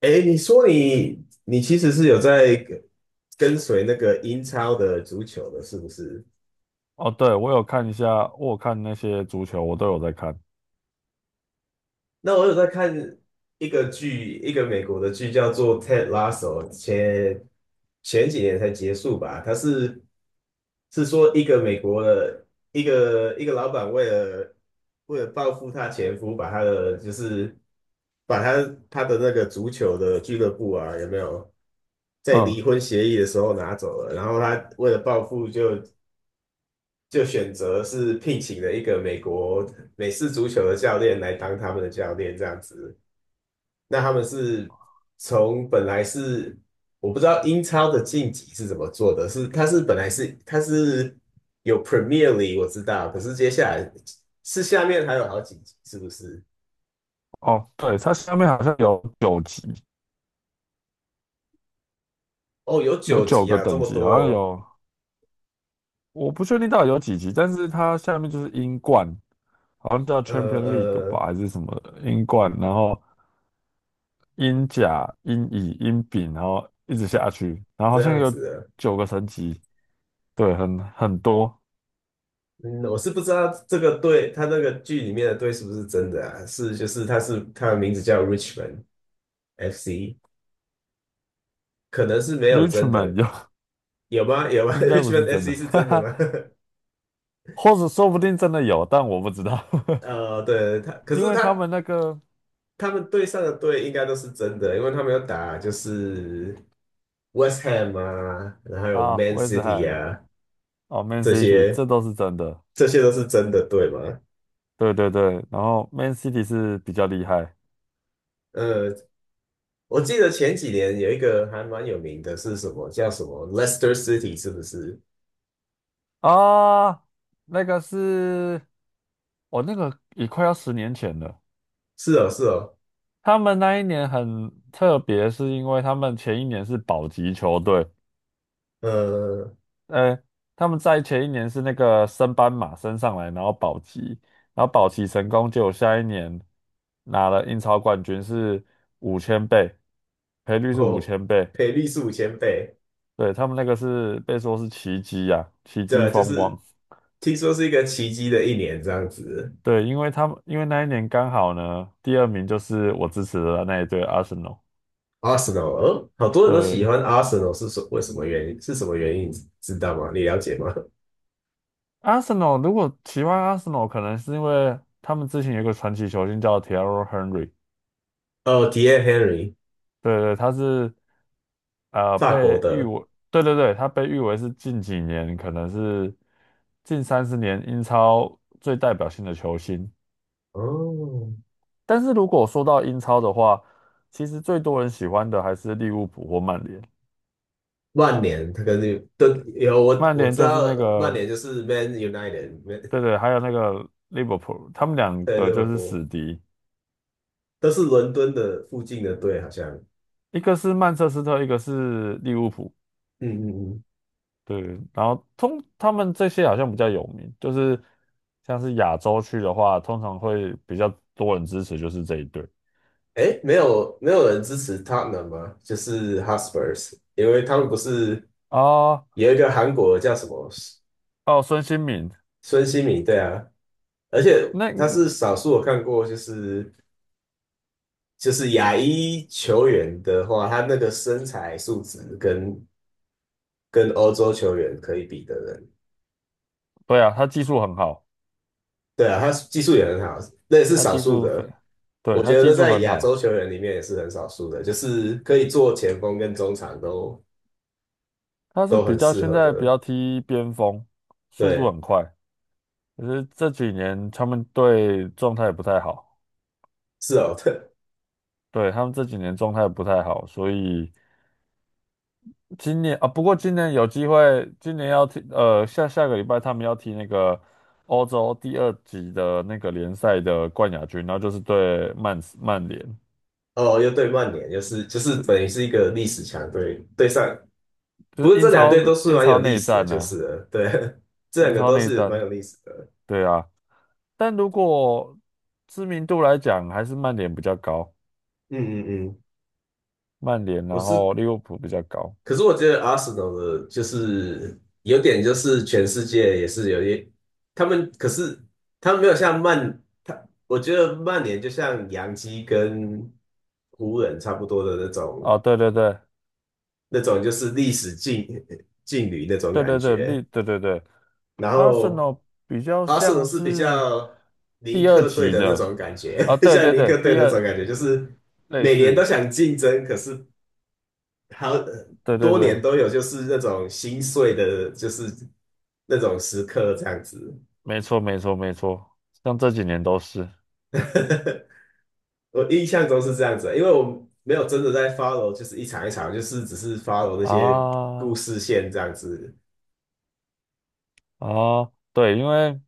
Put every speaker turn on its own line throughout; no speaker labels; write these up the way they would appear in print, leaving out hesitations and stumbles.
哎，你说你其实是有在跟随那个英超的足球的，是不是？
哦，对，我有看一下，我有看那些足球，我都有在看。
那我有在看一个剧，一个美国的剧叫做《Ted Lasso》，前几年才结束吧。它是说一个美国的一个老板为了报复他前夫，把他的就是把他的那个足球的俱乐部啊，有没有在
嗯。
离婚协议的时候拿走了？然后他为了报复就选择是聘请了一个美式足球的教练来当他们的教练，这样子。那他们是从本来是我不知道英超的晋级是怎么做的，是它是本来是它是有 Premier League 我知道，可是接下来是下面还有好几集是不是？
哦，对，它下面好像有九级，
哦，有
有
九
九
集
个
啊，这
等
么
级，好像
多
有，我不确定到底有几级，但是它下面就是英冠，好像叫
哦，
Champion League
呃，
吧，还是什么的英冠，然后英甲、英乙、英丙，然后一直下去，然后好
这
像
样
有
子的。
九个层级，对，很多。
嗯，我是不知道这个队，他那个剧里面的队是不是真的啊？是，就是他的名字叫 Richmond FC，可能是没有真
Richmond
的，
有，
有吗？有 吗
应该不是
？Richmond
真的，
FC 是
哈
真的
哈，
吗？
或者说不定真的有，但我不知道。
对，可
因
是
为他
他
们那个
他们队上的队应该都是真的，因为他们有打就是 West Ham 啊，然后有
啊，
Man
威斯
City
汉
啊，
哦，Man
这
City，
些
这都是真的。
这些都是真的队嘛。
对对对，然后 Man City 是比较厉害
呃，我记得前几年有一个还蛮有名的是什么，叫什么 Leicester City 是不是？
啊，那个是，哦，那个也快要10年前了。
是哦，是哦，
他们那一年很特别，是因为他们前一年是保级球队，
呃，
呃，他们在前一年是那个升班马升上来，然后保级，然后保级成功，结果下一年拿了英超冠军，是五千倍，赔率是五
哦，
千倍。
赔率是5000倍，
对，他们那个是被说是奇迹啊，奇
对
迹
啊，就
风
是
光。
听说是一个奇迹的一年这样子。
对，因为那一年刚好呢，第二名就是我支持的那一队阿森纳。
Arsenal，好多人都喜
对，
欢 Arsenal，是为什么原因？是什么原因？知道吗？你了解吗？
阿森纳如果喜欢阿森纳，可能是因为他们之前有一个传奇球星叫 t e r r y Henry。
哦 t h i Henry，
对对，他是
法国
被誉
的。
为，对对对，他被誉为是近几年可能是近30年英超最代表性的球星。
哦，
但是如果说到英超的话，其实最多人喜欢的还是利物浦或曼联。
曼联，他跟利都有我
曼
我
联
知
就是
道，
那
曼
个，
联就是 Man United，Man
对对，还有那个利物浦，他们 两
对
个
利
就
物
是
浦，
死敌，
都是伦敦的附近的队，好像。
一个是曼彻斯特，一个是利物浦。
嗯嗯嗯。
对，然后他们这些好像比较有名，就是像是亚洲区的话，通常会比较多人支持就是这一队
哎，没有人支持 Tottenham 吗？就是 h u s p e r s 因为他们不是
啊。
有一个韩国叫什么
哦，孙兴慜，
孙兴慜，对啊，而且他
那
是少数我看过，就是亚裔球员的话，他那个身材素质跟欧洲球员可以比的人，
对啊，他技术很好，
对啊，他技术也很好，那也是
他
少
技
数
术非，
的。
对，
我
他
觉
技
得
术
在
很
亚洲
好。
球员里面也是很少数的，就是可以做前锋跟中场都
他是
都
比
很
较
适
现
合
在比
的。
较踢边锋，速度
对，
很快。可是这几年他们队状态不太好，
是哦，对，
对，他们这几年状态不太好，所以今年啊，不过今年有机会，今年要踢下下个礼拜他们要踢那个欧洲第二级的那个联赛的冠亚军，然后就是对曼联，
哦，又对曼联，就是
对，
等于是一个历史强队，对上，
就
不
是
过
英
这两
超
队都是
英
蛮
超
有历
内
史的，
战
就是
啊，
了对，这两
英
个
超
都
内
是
战，
蛮有历史的。
对啊。但如果知名度来讲，还是曼联比较高。
嗯嗯嗯，
曼联，
我
然
是，
后利物浦比较高。
可是我觉得 Arsenal 的就是有点就是全世界也是有点，他们可是他们没有像曼，我觉得曼联就像洋基跟湖人差不多的那种
啊，对对对
那种就是历史劲旅那种
对
感
对对，
觉，
对对对，
然
阿森
后
纳比较
Arsenal
像
是比
是
较尼
第二
克队
级
的那
的。
种感觉，
啊，对对
像尼
对，
克队
第
那种
二
感觉，就是
类
每年
似，
都想竞争，可是好
对对
多年
对，
都有，就是那种心碎的，就是那种时刻这样子。
没错没错没错，像这几年都是
我印象中是这样子，因为我没有真的在 follow，就是一场一场，就是只是 follow 那些故
啊
事线这样子。
啊，对，因为。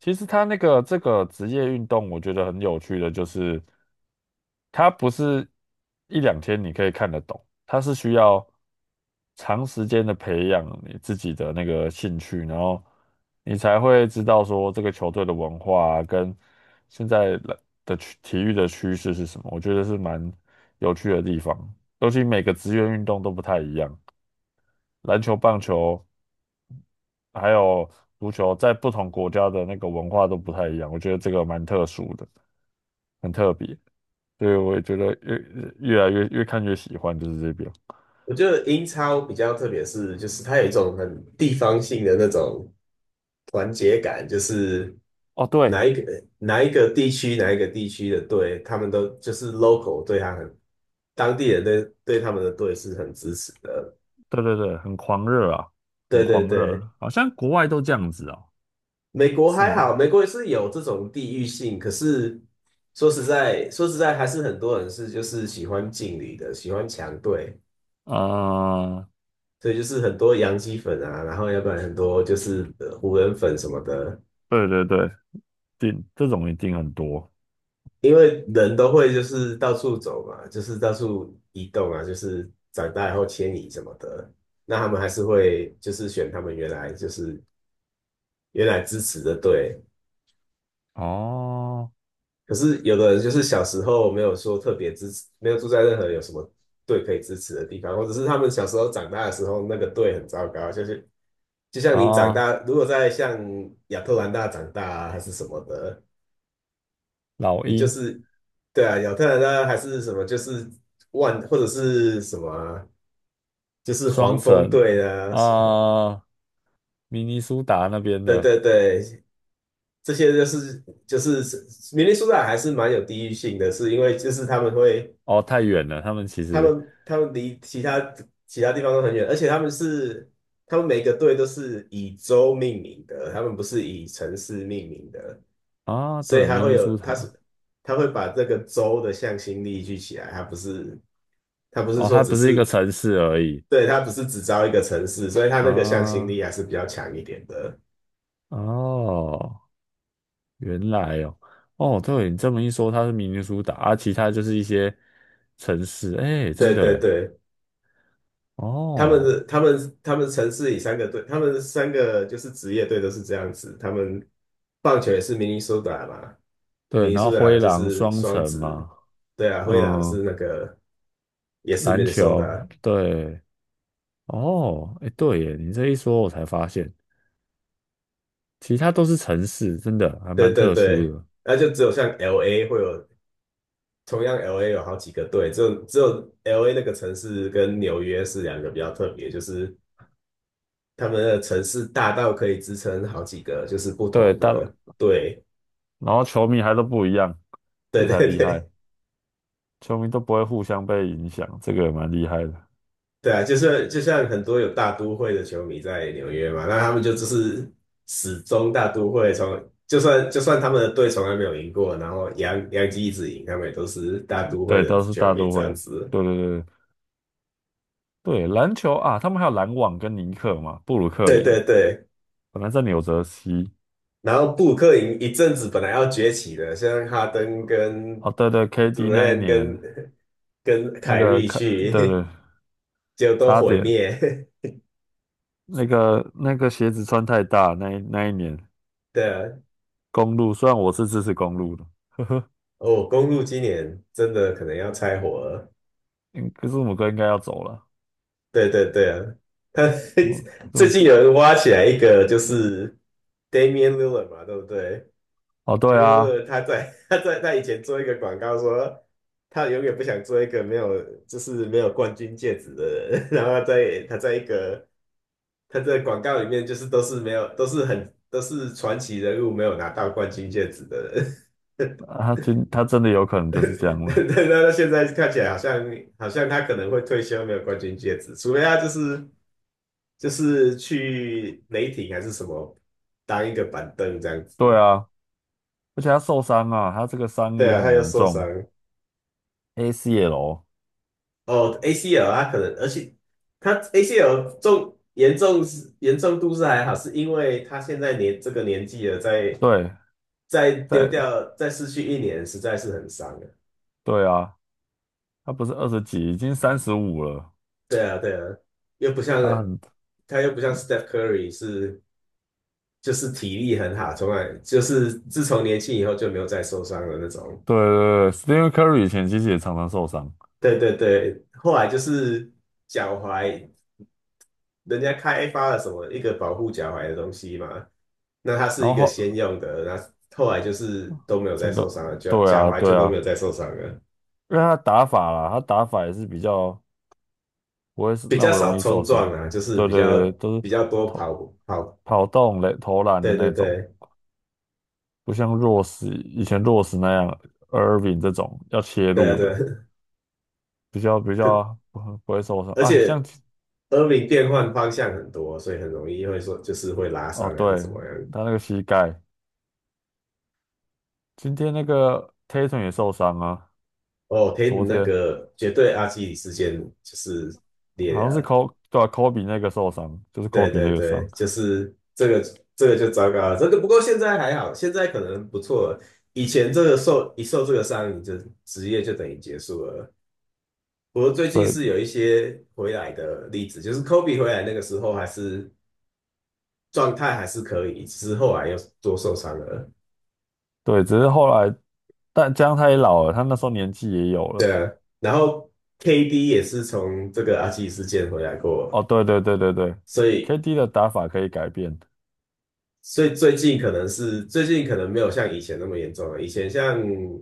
其实他那个这个职业运动，我觉得很有趣的，就是它不是一两天你可以看得懂，它是需要长时间的培养你自己的那个兴趣，然后你才会知道说这个球队的文化啊跟现在的体育的趋势是什么。我觉得是蛮有趣的地方，尤其每个职业运动都不太一样，篮球、棒球。还有足球在不同国家的那个文化都不太一样，我觉得这个蛮特殊的，很特别，所以我也觉得越看越喜欢就是这边。
我觉得英超比较特别是，就是它有一种很地方性的那种团结感，就是
哦，对，
哪一个地区的队，他们都就是 local 对他很当地人对他们的队是很支持的。
对对对，很狂热啊，很
对对
狂热，
对，
好像国外都这样子哦，
美国
是
还好，
吗？
美国也是有这种地域性，可是说实在，还是很多人是就是喜欢劲旅的，喜欢强队。
啊、
所以就是很多洋基粉啊，然后要不然很多就是湖人粉什么的，
对对对，这种一定很多
因为人都会就是到处走嘛，就是到处移动啊，就是长大以后迁移什么的，那他们还是会就是选他们原来支持的队。
哦
可是有的人就是小时候没有说特别支持，没有住在任何有什么队可以支持的地方，或者是他们小时候长大的时候那个队很糟糕，就是就像你长
啊，
大，如果在像亚特兰大长大啊，还是什么的，
老
你就
鹰、
是对啊，亚特兰大还是什么，就是万或者是什么啊就是
双
黄蜂
城
队啊，是
啊、明尼苏达那边
对
的
对对，这些就是明尼苏达还是蛮有地域性的，是因为就是他们会
哦，太远了，他们其
他
实。
们他们离其他地方都很远，而且他们每个队都是以州命名的，他们不是以城市命名的，
啊，
所以
对，
它
明
会
尼
有
苏
它是
达，
它会把这个州的向心力聚起来，它不是。他不是
哦，
说
它
只
不是一个
是
城市而已
对，它不是只招一个城市，所以它那个向心
啊，
力还是比较强一点的。
哦，原来哦，哦，对，你这么一说，它是明尼苏达，啊，其他就是一些城市，哎，真
对
的，
对
哎，
对，他们
哦，
的他们他们城市里三个队，他们三个就是职业队都是这样子。他们棒球也是明尼苏达嘛，
对，
明尼
然后
苏达
灰
就
狼
是
双
双
城
子，
嘛，
对啊，灰狼
嗯，
是那个也是
篮球，
Minnesota，
对，哦，哎，对耶，你这一说，我才发现，其他都是城市，真的还
对
蛮
对
特殊
对，
的，
那就只有像 LA 会有，同样 LA 有好几个队，只有 LA 那个城市跟纽约是两个比较特别，就是他们的城市大到可以支撑好几个，就是不
对，
同
但
的队。
然后球迷还都不一样，
对
这才
对
厉
对
害。球迷都不会互相被影响，这个也蛮厉害的。
对啊，就是就像很多有大都会的球迷在纽约嘛，那他们就是始终大都会从，就算他们的队从来没有赢过，然后洋基一直赢，他们也都是大都会
对，
的
都是
球
大
迷
都
这样
会。
子。
对对对对，篮球啊，他们还有篮网跟尼克嘛，布鲁克
对
林
对对，
本来在纽泽西。
然后布鲁克林一阵子本来要崛起的，现在哈登跟
哦，对对
杜
，KD 那一
兰特
年
跟
那
凯
个
瑞
看，对
去，
对，
就都
差
毁
点
灭。
那个鞋子穿太大，那一年
对啊，
公路，虽然我是支持公路的，
哦，公路今年真的可能要拆伙了。
嗯，可是我们哥应该要走了，
对对对啊，他
嗯，字
最
母
近
哥，
有人挖起来一个，就是 Damian Lillard 嘛，对不对
哦，对
？Damian
啊，
Lillard 他在 他以前做一个广告说，他永远不想做一个没有冠军戒指的人。然后他在广告里面就是都是传奇人物没有拿到冠军戒指的人。
啊他真的有可 能就是这
对
样了。
对，那现在看起来好像他可能会退休，没有冠军戒指，除非他就是去雷霆还是什么当一个板凳这样
对
子。
啊，而且他受伤啊，他这个伤
对
也
啊，他
很
又
严
受伤
重，ACL，
哦，ACL 他可能，而且他 ACL 重严重是严重度是还好，是因为他现在这个年纪了，再
对，
再丢
在
掉再失去一年，实在是很伤啊。
对啊，他不是20几，已经35了。
对啊，对啊，又不像
他很
他又不像 Steph Curry 是就是体力很好，从来就是自从年轻以后就没有再受伤的那种。
对对对，Stephen Curry 以前其实也常常受伤，
对对对，后来就是脚踝，人家开发了什么一个保护脚踝的东西嘛，那它是一
然后
个先
后
用的，那后来就是都没有再
整
受
个
伤了，脚
对
脚
啊
踝就
对
都没
啊，
有再受伤了，
因为他打法啦，他打法也是比较不会是
比
那
较
么
少
容易受
冲
伤。
撞啊，就是
对
比
对
较
对，都是
比较多
投
跑跑。
跑动垒投篮的
对对
那种，
对
不像弱势，以前弱势那样，Irving 这种要切
对啊
入
对
的，
啊，
比 较比
可
较不会受伤
而
啊。
且。耳鸣变换方向很多，所以很容易会说就是会拉
哦
伤还是
对，
怎么样。
他那个膝盖。今天那个 Tatum 也受伤啊，
哦，陪你
昨
那
天
个绝对阿基里事件就是
好
裂
像是
了，
Kobe 对啊，Kobe 那个受伤，就是
对
Kobe
对
那个
对，
伤，
就是这个就糟糕了，这个不过现在还好，现在可能不错了。以前这个受这个伤，你就职业就等于结束了。不过最近
对
是有一些回来的例子，就是 Kobe 回来那个时候还是状态还是可以，只是后来又多受伤了。
对，只是后来，但姜上他也老了，他那时候年纪也有了。
然后 KD 也是从这个阿基里斯腱回来过，
哦，对对对对对
所以
，KD 的打法可以改变。
所以最近可能没有像以前那么严重了。以前像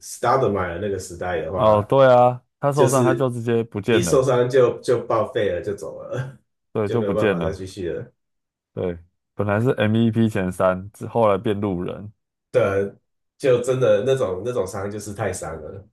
Stoudemire 那个时代的话，
哦，对啊，他
就
受伤他
是
就直接不
一
见
受
了，
伤就报废了，就走了，
对，
就
就
没有
不
办
见
法再继
了。
续了。
对，本来是 MVP 前三，之后来变路人。
对啊就真的那种伤就是太伤了。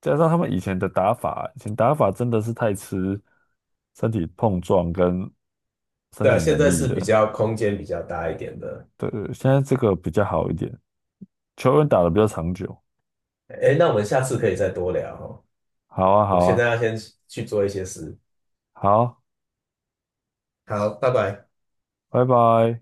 加上他们以前的打法，以前打法真的是太吃身体碰撞跟身
对啊
体
现
能
在
力
是比
了。
较空间比较大一点的。
对，现在这个比较好一点，球员打的比较长久。
哎，那我们下次可以再多聊哦。
好啊，
我
好
现
啊，
在要先去做一些事。
好，
好，拜拜。
拜拜。